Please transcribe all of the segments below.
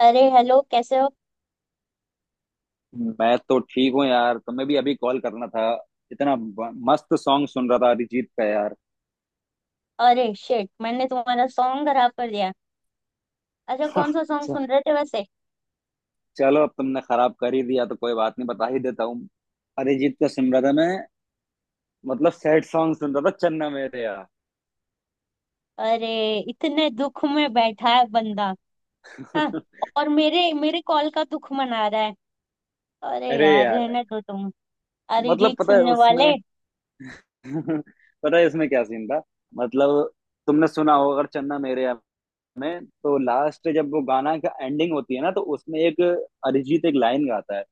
अरे हेलो कैसे हो। मैं तो ठीक हूँ यार, तुम्हें भी अभी कॉल करना था। इतना मस्त सॉन्ग सुन रहा था अरिजीत का यार। अरे शिट मैंने तुम्हारा सॉन्ग खराब कर दिया। अच्छा कौन सा सॉन्ग च- सुन रहे थे वैसे। चलो, अब तुमने खराब कर ही दिया तो कोई बात नहीं, बता ही देता हूँ। अरिजीत का सुन रहा था मैं। मतलब सैड सॉन्ग सुन रहा था, चन्ना मेरे यार। अरे इतने दुख में बैठा है बंदा। हाँ और मेरे मेरे कॉल का दुख मना रहा है। अरे अरे यार यार, रहने दो तुम मतलब अरिजीत पता है सुनने उसमें वाले। पता है इसमें क्या सीन था। मतलब तुमने सुना होगा अगर चन्ना मेरे यार में, तो लास्ट जब वो गाना का एंडिंग होती है ना, तो उसमें एक अरिजीत एक लाइन गाता है,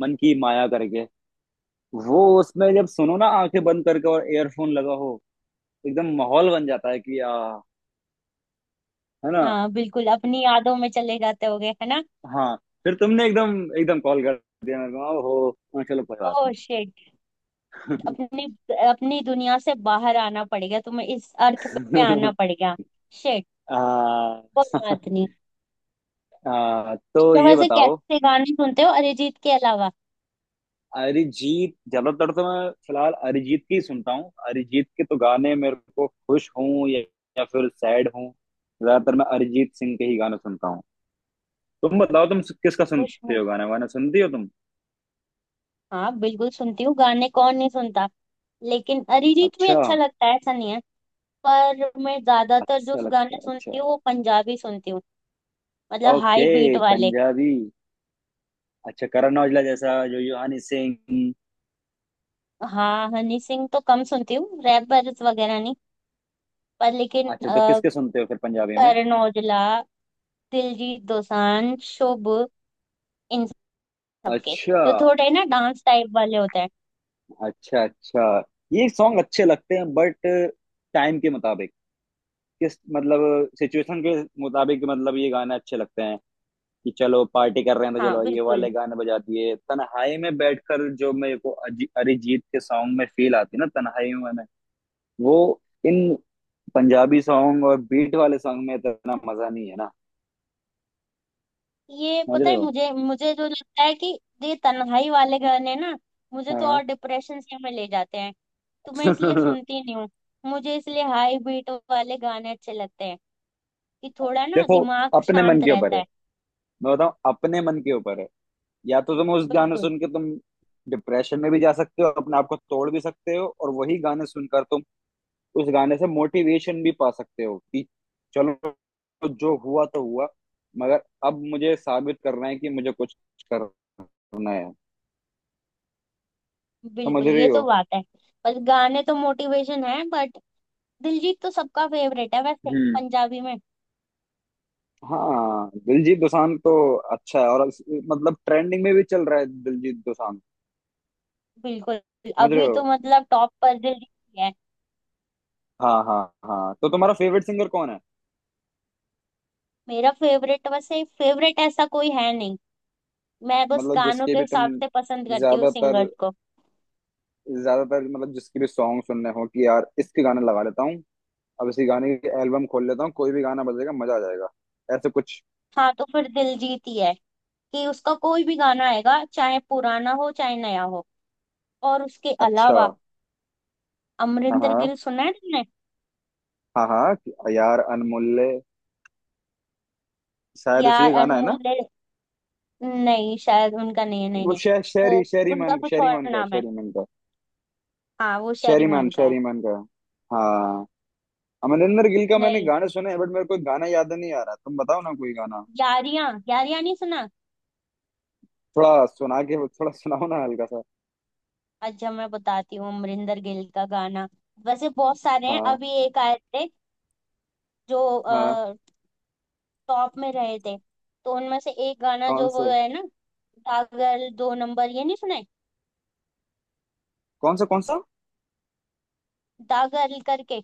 मन की माया करके। वो उसमें जब सुनो ना आंखें बंद करके और एयरफोन लगा हो, एकदम माहौल बन जाता है कि आ, है ना। हाँ बिल्कुल अपनी यादों में चले जाते होगे है ना। हाँ। फिर तुमने एकदम एकदम कॉल कर दिया मेरे को हो। हाँ, चलो कोई बात ओह नहीं। शिट। अपनी अपनी दुनिया से बाहर आना पड़ेगा तुम्हें इस अर्थ पे आना पड़ेगा। शिट आ, कोई बात नहीं। आ, तो तो ये वैसे बताओ। कैसे गाने सुनते हो अरिजीत के अलावा। अरिजीत ज्यादातर तो मैं फिलहाल अरिजीत की सुनता हूँ। अरिजीत के तो गाने मेरे को खुश हूँ या फिर सैड हूँ, ज्यादातर मैं अरिजीत सिंह के ही गाने सुनता हूँ। तुम बताओ, तुम किसका खुश। सुनते हो, गाना वाना सुनती हो तुम। हाँ बिल्कुल सुनती हूँ गाने कौन नहीं सुनता। लेकिन अरिजीत भी अच्छा, अच्छा लगता है ऐसा नहीं है। पर मैं ज्यादातर जो अच्छा लगता गाने है, अच्छा। सुनती हूँ वो पंजाबी सुनती हूँ। मतलब हाई ओके, बीट वाले। पंजाबी। अच्छा, करण औजला जैसा, जो यूहानी सिंह। हाँ हनी सिंह तो कम सुनती हूँ रैपर्स वगैरह नहीं। पर लेकिन अच्छा तो किसके सुनते हो फिर पंजाबी में। करण औजला, दिलजीत दोसांझ, शुभ, इन सबके अच्छा, तो थोड़े ना डांस टाइप वाले होते हैं। अच्छा, अच्छा। ये सॉन्ग अच्छे लगते हैं बट टाइम के मुताबिक, किस मतलब सिचुएशन के मुताबिक, मतलब ये गाने अच्छे लगते हैं कि चलो पार्टी कर रहे हैं तो हाँ चलो ये बिल्कुल। वाले गाने बजा दिए। तन्हाई में बैठकर जो मेरे को अरिजीत के सॉन्ग में फील आती है ना तन्हाई में, वो इन पंजाबी सॉन्ग और बीट वाले सॉन्ग में इतना मजा नहीं है ना। ये समझ पता रहे है हो। मुझे मुझे जो लगता है कि ये तन्हाई वाले गाने ना मुझे तो हाँ। और डिप्रेशन से में ले जाते हैं। तो मैं इसलिए सुनती नहीं हूँ। मुझे इसलिए हाई बीट वाले गाने अच्छे लगते हैं कि थोड़ा ना देखो, दिमाग अपने मन शांत के ऊपर रहता है। है। मैं बताऊं, अपने मन के ऊपर है। या तो तुम उस गाने बिल्कुल। सुन के तुम डिप्रेशन में भी जा सकते हो, अपने आप को तोड़ भी सकते हो, और वही गाने सुनकर तुम उस गाने से मोटिवेशन भी पा सकते हो कि चलो, जो हुआ तो हुआ, मगर अब मुझे साबित करना है कि मुझे कुछ करना है। समझ बिल्कुल रही ये हो। तो बात है। बस गाने तो मोटिवेशन है बट दिलजीत तो सबका फेवरेट है वैसे, पंजाबी में। हाँ। दिलजीत दोसांझ तो अच्छा है, और मतलब ट्रेंडिंग में भी चल रहा है दिलजीत दोसांझ। बिल्कुल। समझ रहे अभी तो हो। मतलब टॉप पर दिलजीत ही है। हाँ, हाँ, हाँ, तो तुम्हारा फेवरेट सिंगर कौन है। मेरा फेवरेट वैसे, फेवरेट ऐसा कोई है नहीं। मैं बस मतलब गानों जिसके के भी तुम हिसाब से पसंद करती हूँ ज्यादातर, सिंगर्स को। मतलब जिसके भी सॉन्ग सुनने हो कि यार इसके गाने लगा लेता हूँ, अब इसी गाने की एल्बम खोल लेता हूँ, कोई भी गाना बजेगा मजा आ जाएगा, ऐसे कुछ। हाँ तो फिर दिलजीत ही है कि उसका कोई भी गाना आएगा चाहे पुराना हो चाहे नया हो। और उसके अच्छा। अलावा हाँ, अमरिंदर हाँ। गिल सुना है तुमने। हाँ हाँ यार अनमोल्ले, शायद उसी यार का गाना है ना। अनमोल्य नहीं शायद उनका नहीं है, नहीं वो नहीं। वो शहरी शहरी उनका मान, कुछ शहरी और मान का है, नाम है। शहरी मान का। हाँ वो शेरी शहरी मान, मान का है। शहरी मान का। हाँ। अमरिंदर गिल का मैंने नहीं गाने सुने हैं बट मेरे को गाना याद नहीं आ रहा, तुम बताओ ना कोई गाना, यारियां, यारियां नहीं सुना। थोड़ा सुना के, थोड़ा सुनाओ ना हल्का सा। अच्छा मैं बताती हूँ अमरिंदर गिल का गाना। वैसे बहुत सारे हैं हाँ। अभी एक आए थे जो हाँ। टॉप में रहे थे। तो उनमें से एक गाना कौन जो वो से। है ना दागल दो नंबर ये नहीं सुने, कौन सा, कौन सा। दागल करके।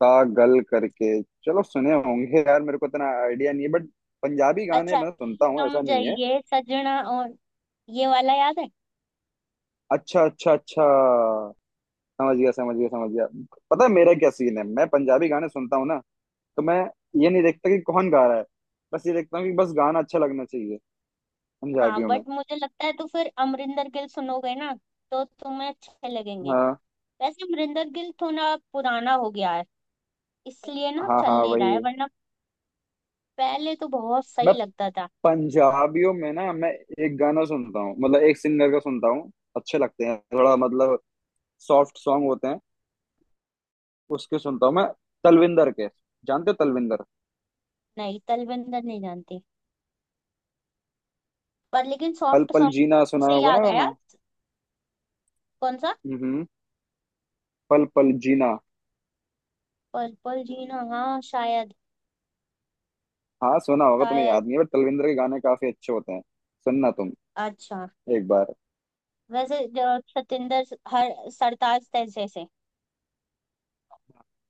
पागल करके, चलो सुने होंगे यार, मेरे को इतना आइडिया नहीं है बट पंजाबी गाने अच्छा, मैं सुनता हूँ ऐसा नहीं है। समझिए सजना और ये वाला याद है। अच्छा, अच्छा, अच्छा। समझ गया, समझ गया, समझ गया। पता है मेरा क्या सीन है, मैं पंजाबी गाने सुनता हूँ ना, तो मैं ये नहीं देखता कि कौन गा रहा है, बस ये देखता हूँ कि बस गाना अच्छा लगना चाहिए हाँ पंजाबियों में। बट मुझे लगता है तो फिर अमरिंदर गिल सुनोगे ना तो तुम्हें अच्छे लगेंगे। हाँ, वैसे अमरिंदर गिल थोड़ा पुराना हो गया है इसलिए ना हाँ, चल हाँ, नहीं रहा वही। है वरना पहले तो बहुत सही मैं लगता था। पंजाबियों में ना, मैं एक गाना सुनता हूँ, मतलब एक सिंगर का सुनता हूँ, अच्छे लगते हैं, थोड़ा मतलब सॉफ्ट सॉन्ग होते हैं, उसके सुनता हूँ मैं, तलविंदर के। जानते हो तलविंदर। नहीं तलविंदर नहीं जानती। पर लेकिन पल सॉफ्ट पल सॉन्ग जीना सुना से होगा याद ना आया। गाना। कौन सा। हम्म, पल पल जीना। पर्पल जीना हाँ शायद। हाँ सुना होगा तुम्हें, शायद। याद नहीं है बट तलविंदर के गाने काफी अच्छे होते हैं। सुनना तुम अच्छा। एक बार। वैसे जो सतिंदर हर सरताज जैसे से।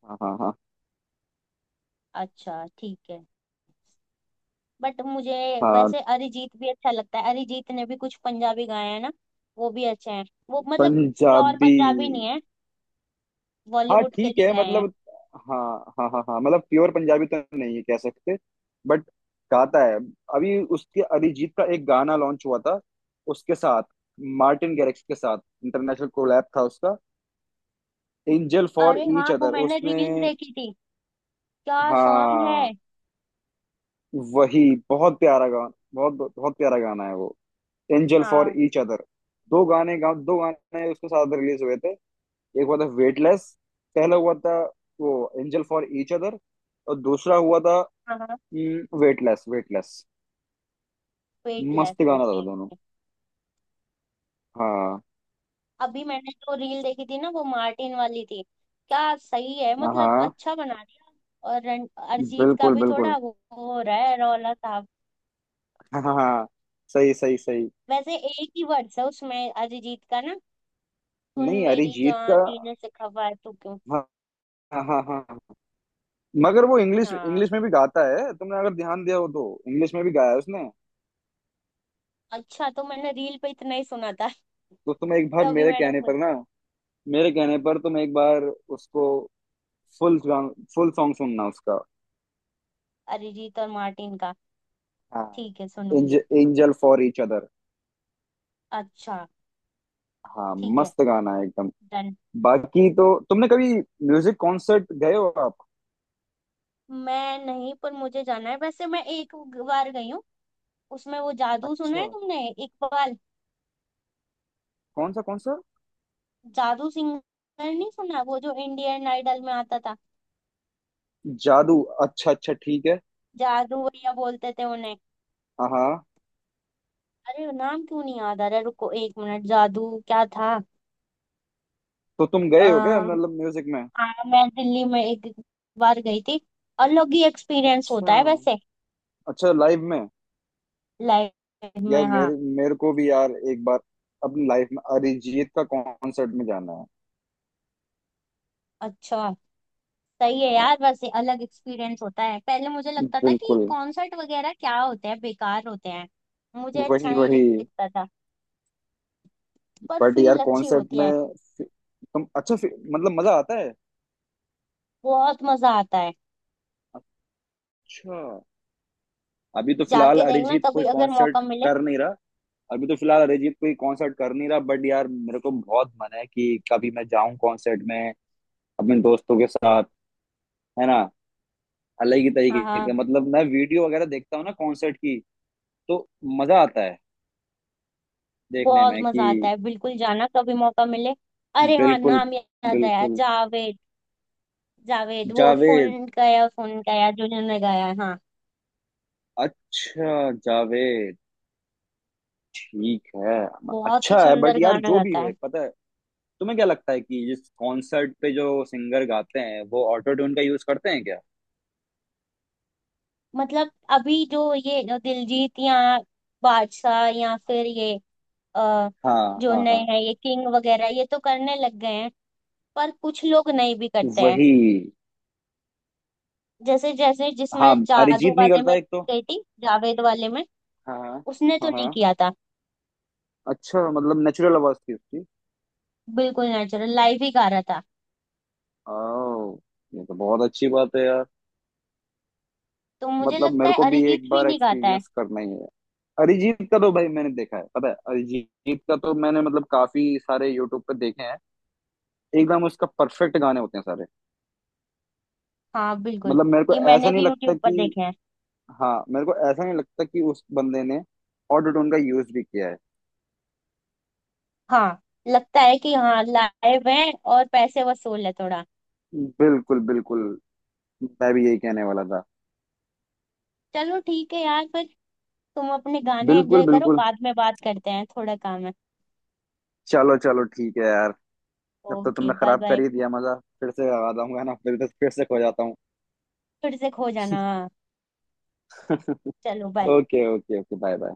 हाँ, हाँ, हाँ, अच्छा ठीक है बट मुझे, हाँ, वैसे अरिजीत भी अच्छा लगता है। अरिजीत ने भी कुछ पंजाबी गाए हैं ना वो भी अच्छे हैं। वो मतलब प्योर पंजाबी। पंजाबी नहीं है हाँ बॉलीवुड के ठीक लिए है, गाए हैं। मतलब हाँ हाँ हाँ हाँ, मतलब प्योर पंजाबी तो नहीं है कह सकते, बट गाता है। अभी उसके अरिजीत का एक गाना लॉन्च हुआ था, उसके साथ, मार्टिन गैरिक्स के साथ, इंटरनेशनल कोलैब था उसका, एंजल फॉर अरे हाँ ईच वो अदर मैंने उसने। रील्स देखी थी। क्या सॉन्ग है। हाँ, वही। बहुत प्यारा गाना, बहुत बहुत प्यारा गाना है वो, एंजल फॉर हाँ ईच अदर। दो गाने उसके साथ रिलीज हुए थे। एक हुआ था वेटलेस, पहला हुआ था वो, एंजल फॉर ईच अदर, और दूसरा हुआ था हाँ हाँ। Weightless, weightless. वेटलेस, मस्त गाना था ओके। दोनों। हाँ। अभी मैंने जो रील देखी थी ना वो मार्टिन वाली थी। क्या सही है मतलब हाँ, अच्छा बना दिया। और अरिजीत का बिल्कुल भी बिल्कुल। थोड़ा वो हो रहा है रौला साहब। हाँ। सही, सही, सही। वैसे एक ही वर्ड्स है उसमें अरिजीत का ना, सुन नहीं, मेरी अरिजीत जान का। जीने से खबर है तू क्यों। हाँ, हाँ, हाँ, हाँ। मगर वो इंग्लिश, हाँ इंग्लिश में भी गाता है, तुमने अगर ध्यान दिया हो तो इंग्लिश में भी गाया है उसने। अच्छा तो मैंने रील पे इतना ही सुना था। तो तुम एक बार तभी मेरे मैंने कहने बोला पर ना, मेरे कहने पर तुम एक बार उसको फुल फुल सॉन्ग सुनना उसका। अरिजीत और मार्टिन का। हाँ। ठीक है सुनूंगी। Angel for each other. अच्छा हाँ। ठीक है, मस्त गाना है एकदम। डन। बाकी तो तुमने कभी म्यूजिक कॉन्सर्ट गए हो आप। मैं नहीं पर मुझे जाना है वैसे मैं एक बार गई हूँ। उसमें वो जादू सुना अच्छा। है तुमने इकबाल, कौन सा, कौन सा, जादू सिंगर नहीं सुना वो जो इंडियन आइडल में आता था। जादू। अच्छा, अच्छा, ठीक है। जादू भैया बोलते थे उन्हें। हाँ, हाँ। अरे नाम क्यों नहीं याद आ रहा, रुको एक मिनट, जादू क्या था। तो तुम आ, गए हो क्या, मतलब म्यूजिक में। हाँ मैं दिल्ली में एक बार गई थी। अलग ही एक्सपीरियंस अच्छा, होता है वैसे। अच्छा, लाइव में। लाइफ यार में हाँ। मेरे, मेरे को भी यार एक बार अपनी लाइफ में अरिजीत का कॉन्सर्ट में जाना है। अच्छा सही है हाँ, यार वैसे अलग एक्सपीरियंस होता है। पहले मुझे लगता था कि बिल्कुल। कॉन्सर्ट वगैरह क्या होते हैं बेकार होते हैं, मुझे अच्छा वही, नहीं वही। लगता था। पर बट फील यार अच्छी कॉन्सर्ट होती में, है। फि- तुम अच्छा मतलब मजा आता है। बहुत मजा आता है। अच्छा। अभी तो फिलहाल जाके देखना अरिजीत कभी कोई अगर मौका कॉन्सर्ट मिले। कर नहीं रहा। अभी तो फिलहाल अरिजीत कोई कॉन्सर्ट कर नहीं रहा, बट यार मेरे को बहुत मन है कि कभी मैं जाऊं कॉन्सर्ट में, अपने दोस्तों के साथ, है ना, अलग ही हाँ तरीके के, हाँ मतलब मैं वीडियो वगैरह देखता हूँ ना कॉन्सर्ट की, तो मजा आता है देखने बहुत में कि। मजा आता है बिल्कुल, जाना कभी मौका मिले। अरे हाँ बिल्कुल, नाम याद आया, बिल्कुल। जावेद। जावेद वो जावेद, फोन गया जो जिन्होंने गाया है, हाँ। अच्छा जावेद, ठीक है। बहुत ही अच्छा है, बट सुंदर यार गाना जो भी गाता है। है, पता है तुम्हें, क्या लगता है कि जिस कॉन्सर्ट पे जो सिंगर गाते हैं वो ऑटो ट्यून का यूज करते हैं क्या। मतलब अभी जो ये दिलजीत या बादशाह या फिर ये अ, हाँ, जो हाँ, नए हाँ, हैं ये किंग वगैरह ये तो करने लग गए हैं। पर कुछ लोग नहीं भी करते हैं। वही। जैसे जैसे जिसमें हाँ, जादू अरिजीत नहीं वाले करता में एक तो। गई थी, जावेद वाले में हाँ, उसने तो हाँ। नहीं हाँ, किया था। अच्छा, मतलब नेचुरल आवाज थी उसकी। बिल्कुल नेचुरल लाइव ही गा रहा था। आओ, ये तो बहुत अच्छी बात है यार। तो मुझे मतलब लगता मेरे है को भी एक अरिजीत भी बार नहीं गाता है। एक्सपीरियंस करना ही है। अरिजीत का तो भाई मैंने देखा है, पता है, अरिजीत का तो मैंने मतलब काफी सारे यूट्यूब पे देखे हैं, एकदम उसका परफेक्ट गाने होते हैं सारे। हाँ बिल्कुल मतलब मेरे को ये ऐसा मैंने नहीं भी लगता यूट्यूब पर कि, देखे हैं। हाँ मेरे को ऐसा नहीं लगता कि उस बंदे ने ऑटो ट्यून का यूज भी किया है। हाँ लगता है कि हाँ लाइव है और पैसे वसूल है थोड़ा। बिल्कुल, बिल्कुल। मैं भी यही कहने वाला था। चलो ठीक है यार फिर तुम अपने गाने बिल्कुल, एंजॉय करो, बिल्कुल। बाद में बात करते हैं, थोड़ा काम है। चलो चलो, ठीक है यार। जब तो ओके तुमने बाय खराब कर बाय। ही दिया मजा, फिर से लगा दूंगा ना, फिर से खो जाता हूँ। फिर से खो जाना। ओके चलो bye. Okay okay, bye bye.